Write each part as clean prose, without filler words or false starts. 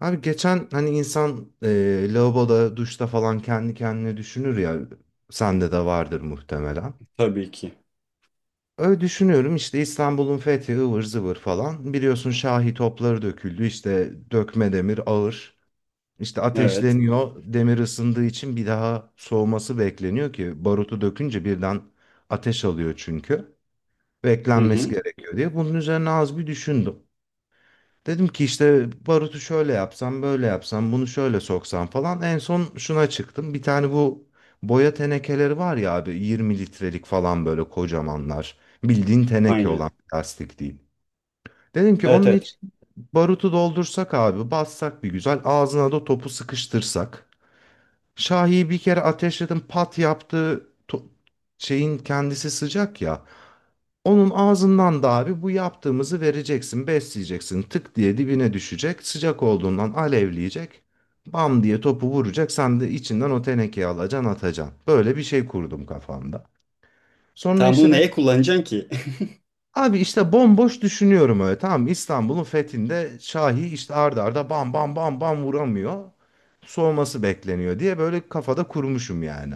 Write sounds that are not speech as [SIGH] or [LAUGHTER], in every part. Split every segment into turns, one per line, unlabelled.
Abi geçen hani insan lavaboda, duşta falan kendi kendine düşünür ya. Sende de vardır muhtemelen.
Tabii ki.
Öyle düşünüyorum işte İstanbul'un fethi ıvır zıvır falan. Biliyorsun Şahi topları döküldü işte dökme demir ağır. İşte
Evet.
ateşleniyor demir ısındığı için bir daha soğuması bekleniyor ki barutu dökünce birden ateş alıyor çünkü.
Hı
Beklenmesi
hı.
gerekiyor diye. Bunun üzerine az bir düşündüm. Dedim ki işte barutu şöyle yapsam, böyle yapsam, bunu şöyle soksam falan. En son şuna çıktım. Bir tane bu boya tenekeleri var ya abi 20 litrelik falan böyle kocamanlar. Bildiğin teneke olan
Aynen.
plastik değil. Dedim ki
Evet,
onun
evet.
için barutu doldursak abi, bassak bir güzel, ağzına da topu sıkıştırsak. Şahi'yi bir kere ateşledim pat yaptı. Şeyin kendisi sıcak ya. Onun ağzından da abi bu yaptığımızı vereceksin, besleyeceksin. Tık diye dibine düşecek. Sıcak olduğundan alevleyecek. Bam diye topu vuracak. Sen de içinden o tenekeyi alacaksın, atacaksın. Böyle bir şey kurdum kafamda. Sonra
Tam
işte
bunu
ben
neye kullanacaksın ki?
abi işte bomboş düşünüyorum öyle, tamam mı? İstanbul'un fethinde Şahi işte arda arda bam bam bam bam vuramıyor. Soğuması bekleniyor diye böyle kafada kurmuşum yani.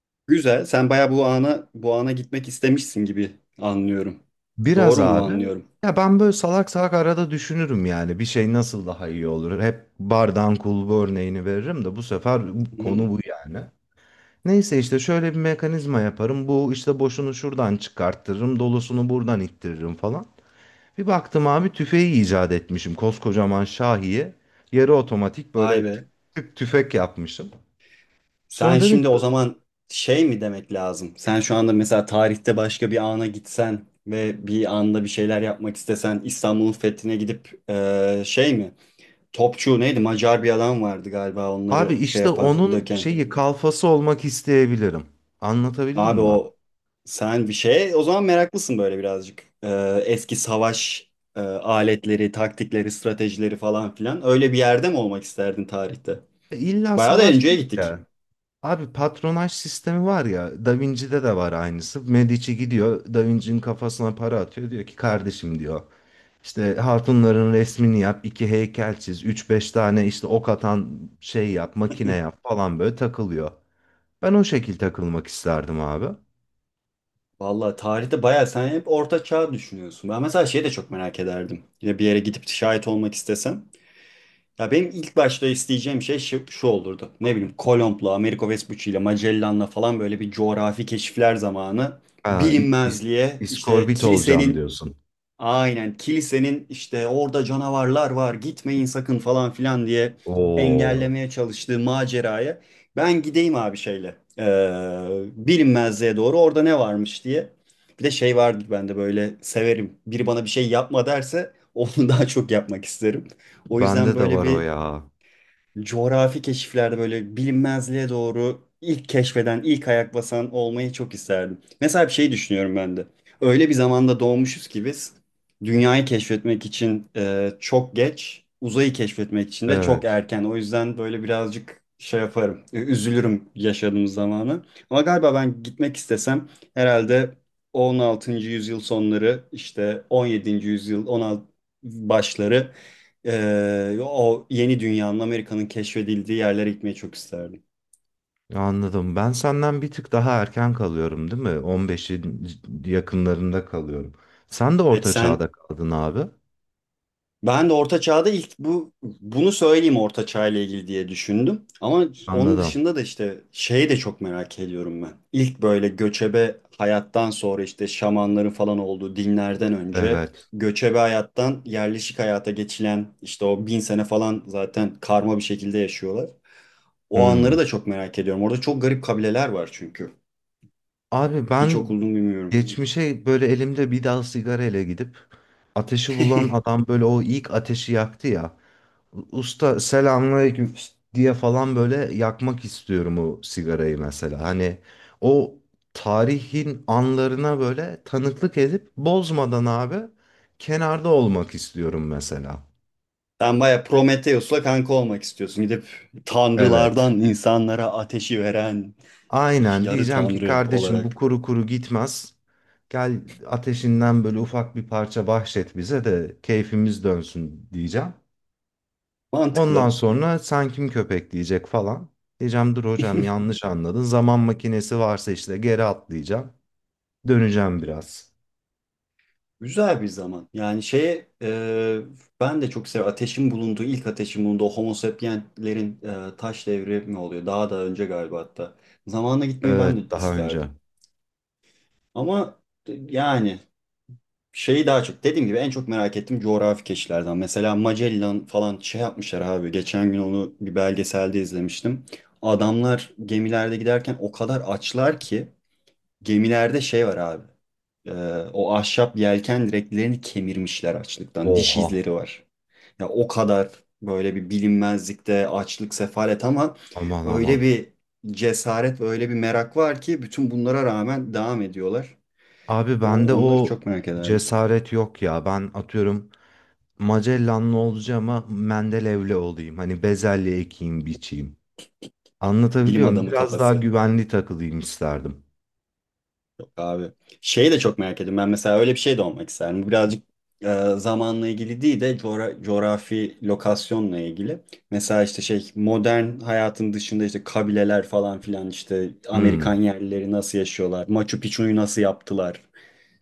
[LAUGHS] Güzel. Sen bayağı bu ana gitmek istemişsin gibi anlıyorum.
Biraz
Doğru mu
abi.
anlıyorum?
Ya ben böyle salak salak arada düşünürüm yani bir şey nasıl daha iyi olur. Hep bardan kulbu örneğini veririm de bu sefer
Hı hı.
konu bu yani. Neyse işte şöyle bir mekanizma yaparım. Bu işte boşunu şuradan çıkarttırırım, dolusunu buradan ittiririm falan. Bir baktım abi tüfeği icat etmişim. Koskocaman Şahi'ye yarı otomatik
Vay
böyle tık
be.
tık tüfek yapmışım.
Sen
Sonra dedim ki,
şimdi o zaman şey mi demek lazım? Sen şu anda mesela tarihte başka bir ana gitsen ve bir anda bir şeyler yapmak istesen İstanbul'un fethine gidip şey mi? Topçu neydi? Macar bir adam vardı galiba
abi
onları şey
işte
yapan,
onun
döken.
şeyi kalfası olmak isteyebilirim. Anlatabildim
Abi
mi?
o sen bir şey o zaman meraklısın böyle birazcık. Eski savaş aletleri, taktikleri, stratejileri falan filan. Öyle bir yerde mi olmak isterdin tarihte?
İlla
Bayağı da
savaş
önceye
değil
gittik.
de. Abi patronaj sistemi var ya Da Vinci'de de var aynısı. Medici gidiyor Da Vinci'nin kafasına para atıyor. Diyor ki kardeşim diyor, İşte hatunların resmini yap, iki heykel çiz, üç beş tane işte ok atan şey yap, makine yap falan böyle takılıyor. Ben o şekil takılmak isterdim abi.
Vallahi tarihte bayağı sen hep Orta Çağ düşünüyorsun. Ben mesela şeyi de çok merak ederdim. Yine bir yere gidip şahit olmak istesem. Ya benim ilk başta isteyeceğim şey şu olurdu. Ne bileyim Kolomb'la, Amerigo Vespucci'yle, Magellan'la falan böyle bir coğrafi keşifler zamanı
Aa, i- is-
bilinmezliğe işte
iskorbit olacağım
kilisenin.
diyorsun.
Aynen. Kilisenin işte orada canavarlar var, gitmeyin sakın falan filan diye
Oo,
engellemeye çalıştığı maceraya ben gideyim abi şeyle bilinmezliğe doğru orada ne varmış diye. Bir de şey vardır bende, böyle severim, biri bana bir şey yapma derse onu [LAUGHS] daha çok yapmak isterim. O
bende
yüzden
de
böyle
var o
bir
ya.
coğrafi keşiflerde böyle bilinmezliğe doğru ilk keşfeden, ilk ayak basan olmayı çok isterdim. Mesela bir şey düşünüyorum ben de. Öyle bir zamanda doğmuşuz ki biz dünyayı keşfetmek için çok geç, uzayı keşfetmek için de çok
Evet.
erken. O yüzden böyle birazcık şey yaparım, üzülürüm yaşadığımız zamanı. Ama galiba ben gitmek istesem herhalde 16. yüzyıl sonları işte 17. yüzyıl 16 başları, o yeni dünyanın, Amerika'nın keşfedildiği yerlere gitmeyi çok isterdim.
Anladım. Ben senden bir tık daha erken kalıyorum, değil mi? 15'in yakınlarında kalıyorum. Sen de
Evet
orta
sen.
çağda kaldın abi.
Ben de Orta Çağ'da, ilk bu bunu söyleyeyim, Orta Çağ ile ilgili diye düşündüm. Ama onun
Anladım.
dışında da işte şeyi de çok merak ediyorum ben. İlk böyle göçebe hayattan sonra işte şamanların falan olduğu dinlerden önce
Evet.
göçebe hayattan yerleşik hayata geçilen işte o bin sene falan zaten karma bir şekilde yaşıyorlar. O anları
Hmm.
da çok merak ediyorum. Orada çok garip kabileler var çünkü.
Abi
Hiç
ben
okudum bilmiyorum.
geçmişe böyle elimde bir dal sigarayla gidip ateşi bulan
[LAUGHS]
adam böyle o ilk ateşi yaktı ya. Usta selamünaleyküm diye falan böyle yakmak istiyorum o sigarayı mesela. Hani o tarihin anlarına böyle tanıklık edip bozmadan abi kenarda olmak istiyorum mesela.
Sen baya Prometheus'la kanka olmak istiyorsun. Gidip
Evet.
tanrılardan insanlara ateşi veren
Aynen
yarı
diyeceğim ki
tanrı
kardeşim bu
olarak.
kuru kuru gitmez. Gel ateşinden böyle ufak bir parça bahşet bize de keyfimiz dönsün diyeceğim. Ondan
Mantıklı.
sonra sen kim köpek diyecek falan. Diyeceğim dur hocam yanlış anladın. Zaman makinesi varsa işte geri atlayacağım. Döneceğim biraz.
Güzel bir zaman. Yani şeye, ben de çok seviyorum. Ateşin bulunduğu, ilk ateşin bulunduğu Homo sapienslerin taş devri mi oluyor? Daha da önce galiba hatta. Zamanla gitmeyi ben de
Evet daha önce.
isterdim. Ama yani şeyi daha çok, dediğim gibi, en çok merak ettiğim coğrafi keşiflerden. Mesela Magellan falan şey yapmışlar abi. Geçen gün onu bir belgeselde izlemiştim. Adamlar gemilerde giderken o kadar açlar ki, gemilerde şey var abi. Ee, o ahşap yelken direklerini kemirmişler açlıktan. Diş
Oha,
izleri var. Ya o kadar böyle bir bilinmezlikte açlık, sefalet ama
aman aman.
öyle bir cesaret ve öyle bir merak var ki bütün bunlara rağmen devam ediyorlar.
Abi
O,
bende
onları
o
çok merak ederdim.
cesaret yok ya. Ben atıyorum Magellan'lı olacağım ama Mendelev'le olayım. Hani bezelye ekeyim biçeyim.
Bilim
Anlatabiliyor muyum?
adamı
Biraz daha
kafası.
güvenli takılayım isterdim.
Yok abi. Şeyi de çok merak ediyorum. Ben mesela öyle bir şey de olmak isterdim. Bu birazcık zamanla ilgili değil de coğrafi lokasyonla ilgili. Mesela işte şey, modern hayatın dışında işte kabileler falan filan, işte Amerikan
Hmm.
yerlileri nasıl yaşıyorlar? Machu Picchu'yu nasıl yaptılar?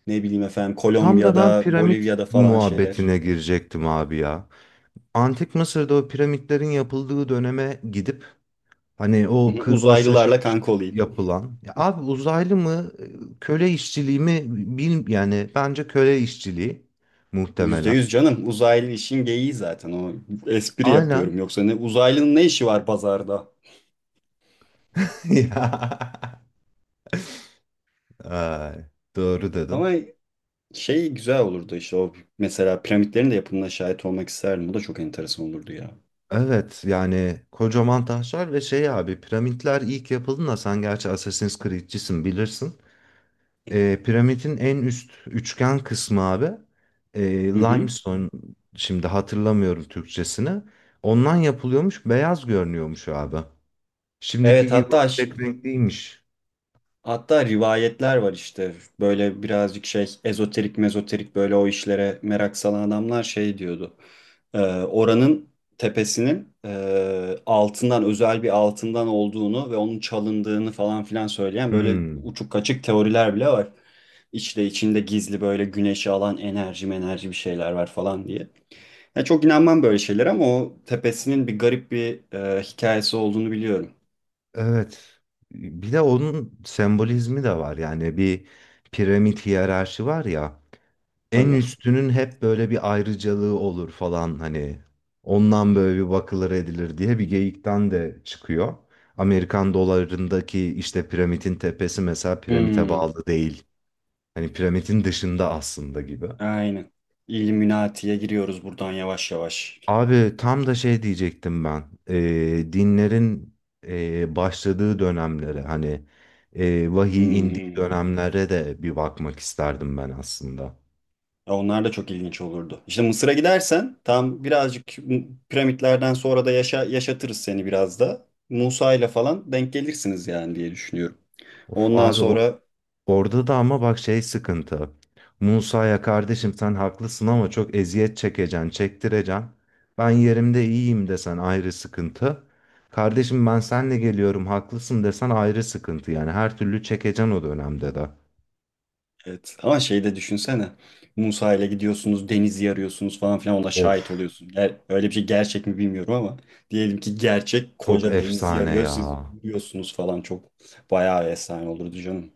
Ne bileyim efendim
Tam da ben
Kolombiya'da,
piramit
Bolivya'da falan şeyler. [LAUGHS]
muhabbetine girecektim abi ya. Antik Mısır'da o piramitlerin yapıldığı döneme gidip hani
Hı
o
hı.
kırbaçlaşarak
Uzaylılarla kanka olayım.
yapılan ya abi, uzaylı mı köle işçiliği mi bil, yani bence köle işçiliği
Yüzde
muhtemelen.
yüz canım. Uzaylı işin geyiği zaten o. Espri
Aynen.
yapıyorum, yoksa ne uzaylının ne işi var pazarda?
[LAUGHS] Ya. Ay, doğru dedin.
Ama şey, güzel olurdu işte o mesela, piramitlerin de yapımına şahit olmak isterdim. O da çok enteresan olurdu ya.
Evet yani kocaman taşlar ve şey abi, piramitler ilk yapıldığında sen gerçi Assassin's Creed'cisin bilirsin. Piramidin en üst üçgen kısmı abi, e,
Hı hı.
limestone, şimdi hatırlamıyorum Türkçesini. Ondan yapılıyormuş beyaz görünüyormuş abi. Şimdiki
Evet,
gibi
hatta
tek renkliymiş.
hatta rivayetler var işte, böyle birazcık şey ezoterik mezoterik, böyle o işlere merak salan adamlar şey diyordu. Oranın tepesinin, altından, özel bir altından olduğunu ve onun çalındığını falan filan söyleyen böyle
Hmm,
uçuk kaçık teoriler bile var. İçte içinde gizli böyle güneşi alan enerji enerji bir şeyler var falan diye. Ya çok inanmam böyle şeylere ama o tepesinin bir garip bir hikayesi olduğunu biliyorum.
evet. Bir de onun sembolizmi de var yani bir piramit hiyerarşi var ya. En
Tabii.
üstünün hep böyle bir ayrıcalığı olur falan hani ondan böyle bir bakılır edilir diye bir geyikten de çıkıyor. Amerikan dolarındaki işte piramidin tepesi mesela piramite
Hmm.
bağlı değil. Hani piramidin dışında aslında gibi.
Aynen. İlluminati'ye giriyoruz buradan yavaş yavaş.
Abi tam da şey diyecektim ben. Dinlerin başladığı dönemlere hani vahiy indiği
Hmm.
dönemlere de bir bakmak isterdim ben aslında.
Ya onlar da çok ilginç olurdu. İşte Mısır'a gidersen tam birazcık piramitlerden sonra da yaşatırız seni biraz da. Musa ile falan denk gelirsiniz yani diye düşünüyorum.
Of
Ondan
abi o,
sonra.
orada da ama bak şey sıkıntı. Musa'ya kardeşim sen haklısın ama çok eziyet çekeceksin, çektireceksin. Ben yerimde iyiyim desen ayrı sıkıntı. Kardeşim ben senle geliyorum haklısın desen ayrı sıkıntı. Yani her türlü çekeceksin o dönemde de.
Evet, ama şey de düşünsene. Musa ile gidiyorsunuz, denizi arıyorsunuz falan filan, ona
Of,
şahit oluyorsun. Öyle bir şey gerçek mi bilmiyorum ama diyelim ki gerçek,
çok
koca denizi
efsane
arıyor, siz
ya.
yürüyorsunuz falan, çok bayağı bir efsane olurdu canım.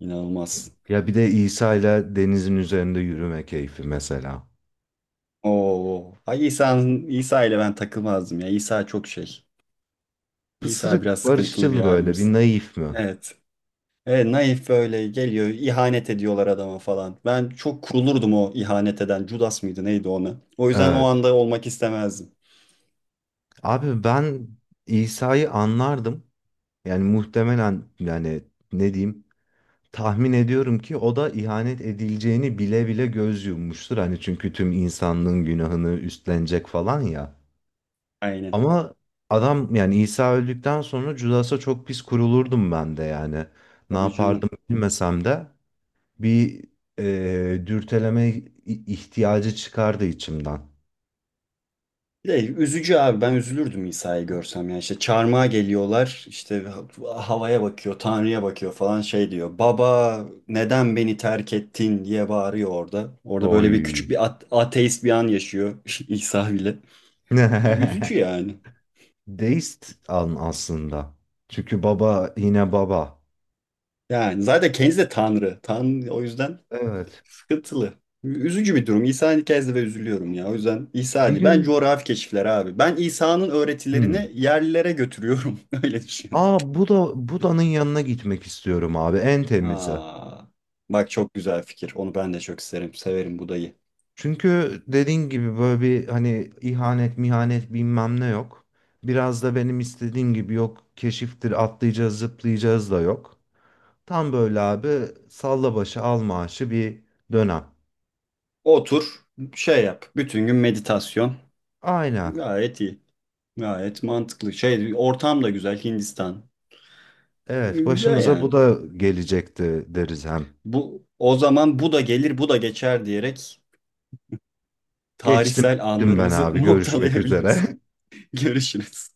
İnanılmaz.
Ya bir de İsa ile denizin üzerinde yürüme keyfi mesela.
Oo. Ay, İsa ile ben takılmazdım ya. İsa çok şey. İsa biraz
Pısırık,
sıkıntılı bir
barışçıl böyle bir
abimiz.
naif mi?
Evet. Evet, naif böyle geliyor. İhanet ediyorlar adama falan. Ben çok kurulurdum o ihanet eden. Judas mıydı neydi ona? O yüzden o
Evet.
anda olmak istemezdim.
Abi ben İsa'yı anlardım. Yani muhtemelen yani, ne diyeyim, tahmin ediyorum ki o da ihanet edileceğini bile bile göz yummuştur. Hani çünkü tüm insanlığın günahını üstlenecek falan ya.
Aynen.
Ama adam yani İsa öldükten sonra Judas'a çok pis kurulurdum ben de yani. Ne
Tabii
yapardım
canım.
bilmesem de bir e, dürteleme i- ihtiyacı çıkardı içimden.
Bir de üzücü abi, ben üzülürdüm İsa'yı görsem, yani işte çarmıha geliyorlar, işte havaya bakıyor, Tanrı'ya bakıyor falan, şey diyor, "Baba neden beni terk ettin?" diye bağırıyor orada böyle bir küçük
Oy.
bir ateist bir an yaşıyor [LAUGHS] İsa bile. Üzücü
[LAUGHS]
yani
Deist an aslında. Çünkü baba yine baba.
yani zaten kendisi de Tanrı Tanrı, o yüzden
Evet.
sıkıntılı, üzücü bir durum İsa'nın hikayesi ve üzülüyorum ya, o yüzden İsa
Bir
değil, ben
gün,
coğrafi keşifler abi, ben İsa'nın
hmm.
öğretilerini yerlilere götürüyorum [LAUGHS] öyle düşün.
Aa, Buda, Buda'nın yanına gitmek istiyorum abi en temize.
Aa, bak çok güzel fikir. Onu ben de çok isterim. Severim Budayı.
Çünkü dediğin gibi böyle bir hani ihanet mihanet bilmem ne yok. Biraz da benim istediğim gibi yok. Keşiftir atlayacağız zıplayacağız da yok. Tam böyle abi salla başı al maaşı bir dönem.
Otur, şey yap. Bütün gün meditasyon.
Aynen.
Gayet iyi. Gayet mantıklı. Şey, ortam da güzel. Hindistan.
Evet
Güzel
başımıza bu
yani.
da gelecekti deriz hem.
Bu o zaman, bu da gelir, bu da geçer diyerek
Geçtim
tarihsel
gittim ben
anlarımızı
abi,
[LAUGHS]
görüşmek
noktalayabiliriz.
üzere. [LAUGHS]
Görüşürüz.